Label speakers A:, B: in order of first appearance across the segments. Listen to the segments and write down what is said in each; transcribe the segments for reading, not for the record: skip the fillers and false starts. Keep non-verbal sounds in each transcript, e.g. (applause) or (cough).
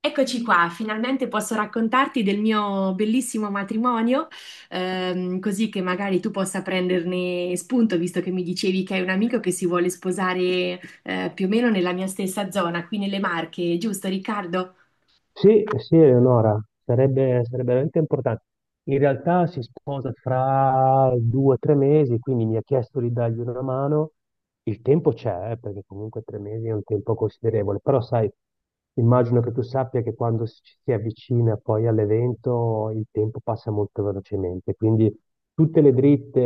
A: Eccoci qua, finalmente posso raccontarti del mio bellissimo matrimonio, così che magari tu possa prenderne spunto, visto che mi dicevi che hai un amico che si vuole sposare, più o meno nella mia stessa zona, qui nelle Marche, giusto Riccardo?
B: Sì, sì, Eleonora, sarebbe veramente importante. In realtà si sposa fra 2 o 3 mesi, quindi mi ha chiesto di dargli una mano. Il tempo c'è, perché comunque 3 mesi è un tempo considerevole, però sai, immagino che tu sappia che quando ci si avvicina poi all'evento il tempo passa molto velocemente, quindi tutte le dritte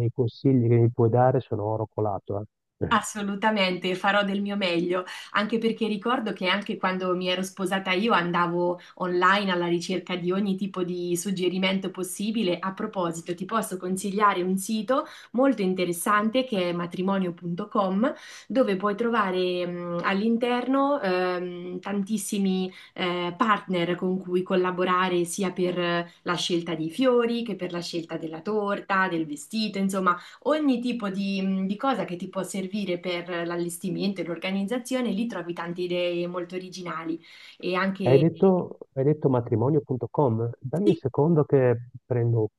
B: e i consigli che mi puoi dare sono oro colato, eh.
A: Assolutamente, farò del mio meglio, anche perché ricordo che anche quando mi ero sposata io andavo online alla ricerca di ogni tipo di suggerimento possibile. A proposito, ti posso consigliare un sito molto interessante che è matrimonio.com, dove puoi trovare all'interno tantissimi partner con cui collaborare sia per la scelta dei fiori che per la scelta della torta, del vestito, insomma ogni tipo di, di cosa che ti può servire per l'allestimento e l'organizzazione. Lì trovi tante idee molto originali e
B: Hai
A: anche
B: detto, hai detto matrimonio.com? Dammi un
A: sì.
B: secondo che prendo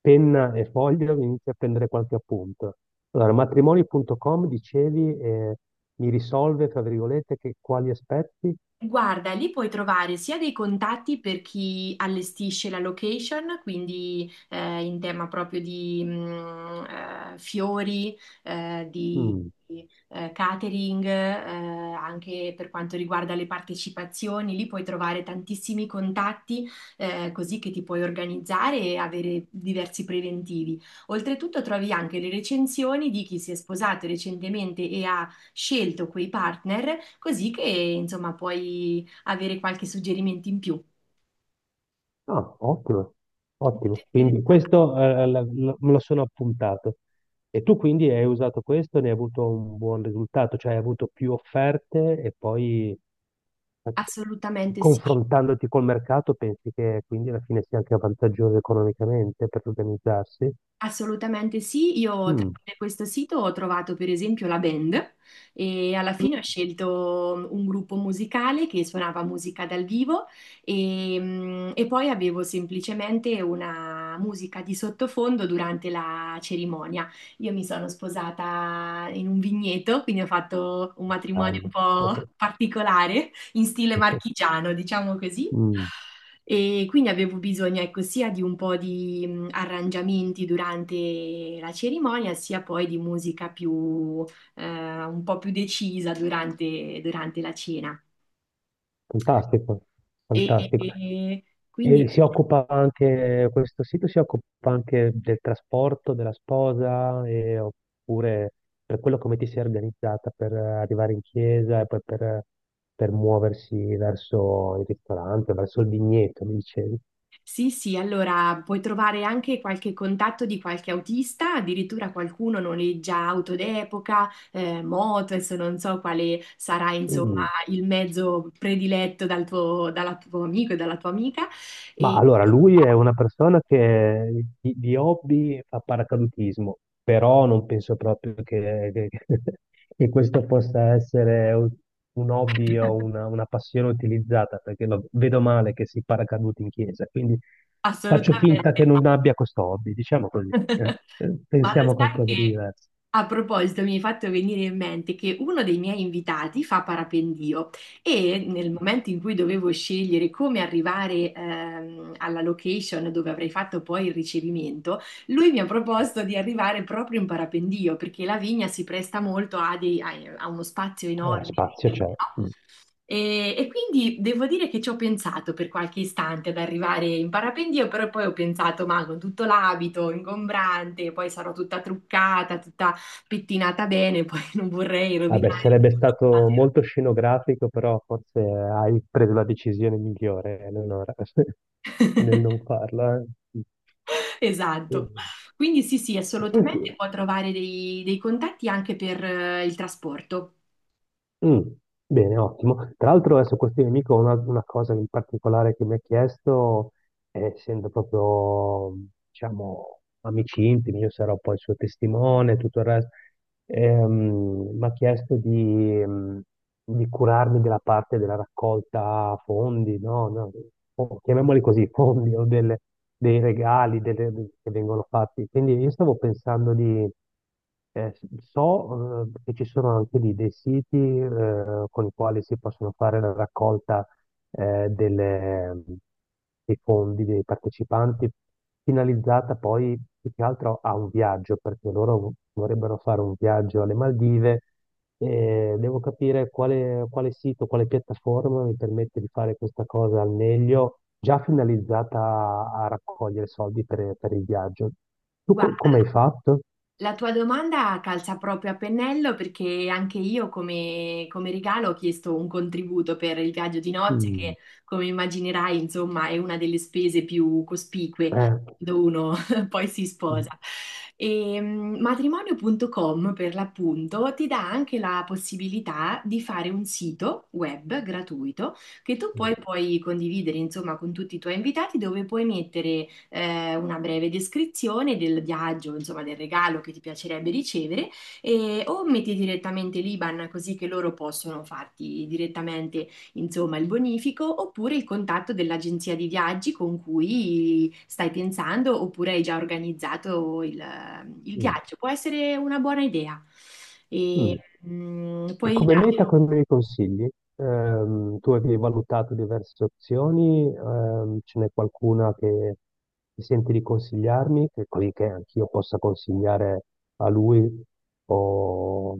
B: penna e foglio e inizio a prendere qualche appunto. Allora, matrimonio.com dicevi mi risolve, tra virgolette, quali aspetti?
A: Guarda, lì puoi trovare sia dei contatti per chi allestisce la location, quindi in tema proprio di fiori, di
B: Mm.
A: catering, anche per quanto riguarda le partecipazioni, lì puoi trovare tantissimi contatti così che ti puoi organizzare e avere diversi preventivi. Oltretutto trovi anche le recensioni di chi si è sposato recentemente e ha scelto quei partner, così che insomma puoi avere qualche suggerimento in più.
B: Ah, ottimo,
A: Molto
B: ottimo. Quindi
A: interessante.
B: questo me lo sono appuntato. E tu quindi hai usato questo e ne hai avuto un buon risultato, cioè hai avuto più offerte e poi eh,
A: Assolutamente sì.
B: confrontandoti col mercato pensi che quindi alla fine sia anche vantaggioso economicamente per organizzarsi?
A: Assolutamente sì, io
B: Mm.
A: tramite questo sito ho trovato per esempio la band e alla fine ho scelto un gruppo musicale che suonava musica dal vivo e, e poi avevo semplicemente una musica di sottofondo durante la cerimonia. Io mi sono sposata in un vigneto, quindi ho fatto un matrimonio un
B: Bello.
A: po' particolare in stile
B: (laughs)
A: marchigiano, diciamo così.
B: Mm,
A: E quindi avevo bisogno, ecco, sia di un po' di arrangiamenti durante la cerimonia, sia poi di musica più, un po' più decisa durante, la cena.
B: Fantastico,
A: E,
B: fantastico.
A: e quindi
B: E si occupa anche, questo sito si occupa anche del trasporto della sposa, oppure per quello come ti sei organizzata per arrivare in chiesa e poi per muoversi verso il ristorante, verso il vigneto, mi dicevi.
A: sì, sì, allora puoi trovare anche qualche contatto di qualche autista, addirittura qualcuno noleggia auto d'epoca, moto, adesso non so quale sarà, insomma,
B: Mm.
A: il mezzo prediletto dal tuo, dalla tuo amico e dalla tua amica.
B: Ma
A: E
B: allora, lui è una persona che di hobby fa paracadutismo, però non penso proprio (laughs) che questo possa essere un hobby o una passione utilizzata, perché lo vedo male che si paracaduti in chiesa, quindi
A: assolutamente.
B: faccio finta che non abbia questo hobby, diciamo
A: (laughs)
B: così.
A: Ma lo
B: Pensiamo a
A: sai
B: qualcosa di
A: che
B: diverso.
A: a proposito, mi hai fatto venire in mente che uno dei miei invitati fa parapendio e nel momento in cui dovevo scegliere come arrivare alla location dove avrei fatto poi il ricevimento, lui mi ha proposto di arrivare proprio in parapendio perché la vigna si presta molto a, a uno spazio
B: Eh,
A: enorme
B: spazio
A: all'interno,
B: c'è.
A: no?
B: Mm.
A: E quindi devo dire che ci ho pensato per qualche istante ad arrivare in parapendio, però poi ho pensato, ma con tutto l'abito ingombrante, poi sarò tutta truccata, pettinata bene, (laughs) poi non vorrei
B: Vabbè,
A: rovinare.
B: sarebbe
A: tutto.
B: stato molto scenografico, però forse hai preso la decisione migliore, Eleonora, (laughs) nel non farla. eh.
A: Esatto.
B: E-
A: Quindi sì, sì,
B: e senti,
A: assolutamente può trovare dei, dei contatti anche per il trasporto.
B: mm, bene, ottimo. Tra l'altro adesso questo nemico ha una cosa in particolare che mi ha chiesto, essendo proprio, diciamo, amici intimi, io sarò poi il suo testimone, e tutto il resto, mi ha chiesto di curarmi della parte della raccolta fondi, no, no, chiamiamoli così, fondi o dei regali che vengono fatti. Quindi io stavo pensando di. Eh, so, che ci sono anche lì dei siti, con i quali si possono fare la raccolta eh, delle- dei fondi dei partecipanti, finalizzata poi più che altro a un viaggio, perché loro vorrebbero fare un viaggio alle Maldive e devo capire quale sito, quale piattaforma mi permette di fare questa cosa al meglio, già finalizzata a raccogliere soldi per il viaggio. Tu
A: Guarda,
B: come hai fatto?
A: la tua domanda calza proprio a pennello perché anche io come, come regalo ho chiesto un contributo per il viaggio di nozze
B: Mm,
A: che, come immaginerai, insomma, è una delle spese più cospicue
B: eh,
A: quando uno (laughs) poi si
B: mm,
A: sposa. E, matrimonio.com per l'appunto ti dà anche la possibilità di fare un sito web gratuito che tu
B: mm,
A: poi puoi condividere, insomma, con tutti i tuoi invitati, dove puoi mettere una breve descrizione del viaggio, insomma del regalo che ti piacerebbe ricevere e, o metti direttamente l'IBAN così che loro possono farti direttamente insomma il bonifico, oppure il contatto dell'agenzia di viaggi con cui stai pensando oppure hai già organizzato il
B: mm,
A: viaggio. Può essere una buona idea. E,
B: mm. E
A: puoi
B: come
A: dare.
B: meta come mi consigli? Tu avevi valutato diverse opzioni, ce n'è qualcuna che ti senti di consigliarmi, che così che anch'io possa consigliare a lui o,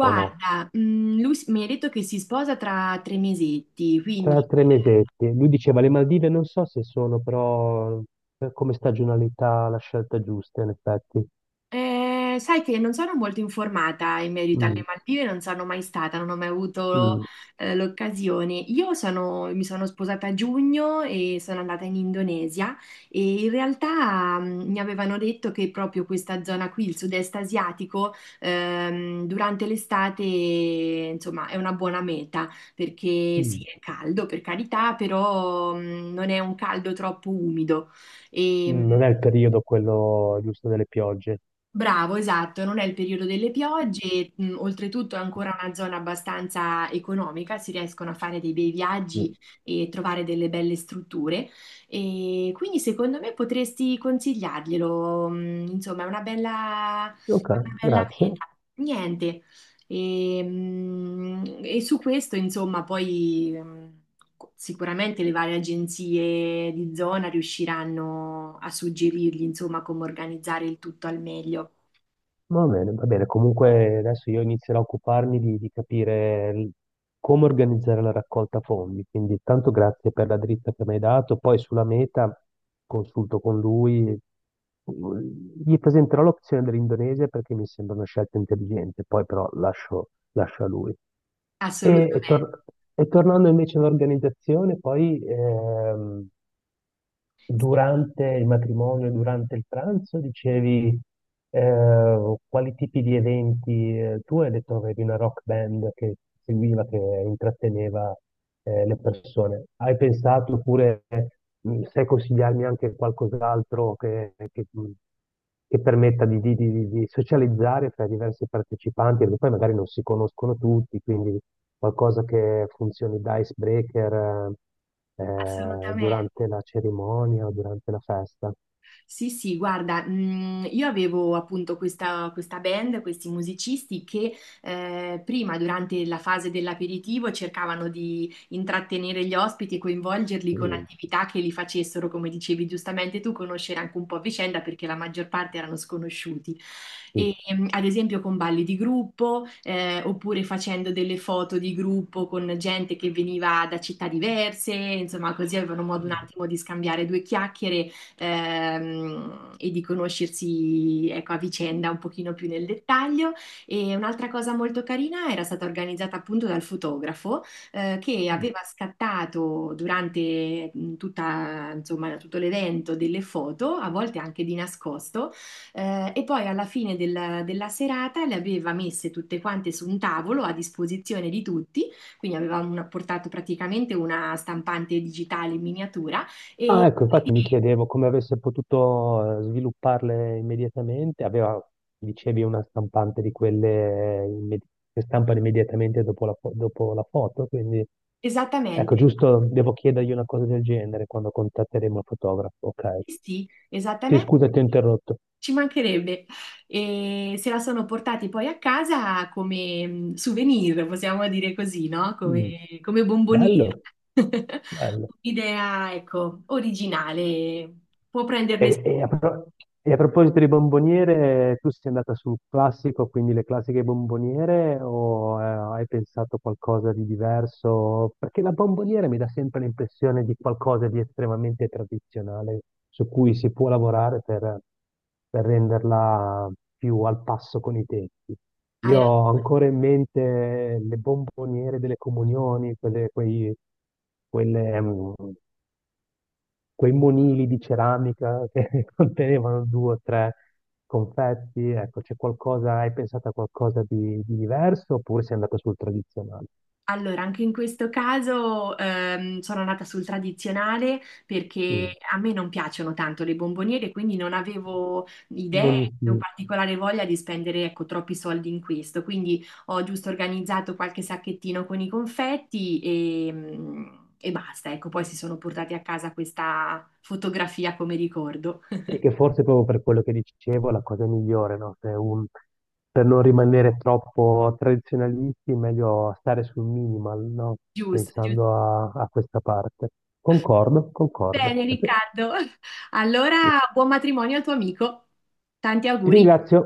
B: o no?
A: lui s- mi ha detto che si sposa tra tre mesetti,
B: Tra
A: quindi
B: 3 mesetti, lui diceva le Maldive non so se sono però come stagionalità la scelta giusta in effetti.
A: eh, sai che non sono molto informata in merito alle
B: Mm,
A: Maldive, non sono mai stata, non ho mai avuto
B: mm,
A: l'occasione. Mi sono sposata a giugno e sono andata in Indonesia e in realtà mi avevano detto che proprio questa zona qui, il sud-est asiatico, durante l'estate, insomma, è una buona meta perché sì,
B: mm.
A: è caldo per carità, però non è un caldo troppo umido. E,
B: Mm. Non è il periodo quello giusto delle piogge.
A: bravo, esatto, non è il periodo delle piogge, e, oltretutto è ancora una zona abbastanza economica, si riescono a fare dei bei viaggi
B: Mm.
A: e trovare delle belle strutture e quindi secondo me potresti consigliarglielo, insomma è
B: Ok,
A: una bella
B: grazie.
A: meta. Niente, e su questo insomma poi sicuramente le varie agenzie di zona riusciranno a suggerirgli insomma come organizzare il tutto al meglio.
B: Va bene, va bene. Comunque adesso io inizierò a occuparmi di capire come organizzare la raccolta fondi. Quindi tanto grazie per la dritta che mi hai dato. Poi sulla meta consulto con lui. Gli presenterò l'opzione dell'Indonesia perché mi sembra una scelta intelligente. Poi però lascio a lui. E, e
A: Assolutamente,
B: tor- e tornando invece all'organizzazione, poi
A: sì,
B: durante il matrimonio, durante il pranzo, dicevi quali tipi di eventi, tu hai detto che avevi una rock band che seguiva, che intratteneva le persone. Hai pensato oppure sai consigliarmi anche qualcos'altro che permetta di socializzare fra i diversi partecipanti, perché poi magari non si conoscono tutti, quindi qualcosa che funzioni da icebreaker
A: assolutamente.
B: durante la cerimonia o durante la festa.
A: Sì, sì, guarda, io avevo appunto questa, questa band, questi musicisti che prima, durante la fase dell'aperitivo, cercavano di intrattenere gli ospiti e coinvolgerli con
B: Mm,
A: attività che li facessero, come dicevi giustamente tu, conoscere anche un po' a vicenda perché la maggior parte erano sconosciuti.
B: mm.
A: E, ad esempio con balli di gruppo, oppure facendo delle foto di gruppo con gente che veniva da città diverse, insomma, così avevano modo un attimo di scambiare due chiacchiere, e di conoscersi, ecco, a vicenda un pochino più nel dettaglio. E un'altra cosa molto carina era stata organizzata appunto dal fotografo che aveva scattato durante tutta, insomma, tutto l'evento delle foto, a volte anche di nascosto, e poi alla fine della serata le aveva messe tutte quante su un tavolo a disposizione di tutti, quindi aveva portato praticamente una stampante digitale in miniatura e
B: Ah, ecco, infatti mi chiedevo come avesse potuto svilupparle immediatamente. Aveva, dicevi, una stampante di quelle che stampano immediatamente dopo la foto, quindi ecco,
A: esattamente,
B: giusto, devo chiedergli una cosa del genere quando contatteremo il fotografo. Ok.
A: sì,
B: Sì,
A: esattamente,
B: scusa, ti ho interrotto.
A: ci mancherebbe. E se la sono portati poi a casa come souvenir, possiamo dire così, no?
B: Mm,
A: Come, come bomboniera.
B: Bello,
A: (laughs)
B: bello.
A: Un'idea, ecco, originale, può prenderne
B: E,
A: spunto.
B: e a, pro- e a proposito di bomboniere, tu sei andata sul classico, quindi le classiche bomboniere, o hai pensato qualcosa di diverso? Perché la bomboniera mi dà sempre l'impressione di qualcosa di estremamente tradizionale, su cui si può lavorare per renderla più al passo con i tempi.
A: Hai
B: Io
A: ragione.
B: ho ancora in mente le bomboniere delle comunioni, quelle, quei, quelle, mm, quei monili di ceramica che (laughs) contenevano due o tre confetti, ecco, c'è qualcosa, hai pensato a qualcosa di diverso oppure sei andato sul tradizionale?
A: Allora, anche in questo caso sono andata sul tradizionale
B: Mm.
A: perché a me non piacciono tanto le bomboniere, quindi non avevo idee
B: Non-
A: o
B: mm.
A: particolare voglia di spendere, ecco, troppi soldi in questo. Quindi ho giusto organizzato qualche sacchettino con i confetti e, e basta. Ecco, poi si sono portati a casa questa fotografia come ricordo. (laughs)
B: Sì, che forse proprio per quello che dicevo è la cosa migliore, no? Se un- per non rimanere troppo tradizionalisti, meglio stare sul minimal, no?
A: Giusto, giusto.
B: Pensando a questa parte. Concordo, concordo.
A: Bene,
B: (laughs)
A: Riccardo. (laughs) Allora, buon matrimonio al tuo amico. Tanti
B: Ti
A: auguri.
B: ringrazio.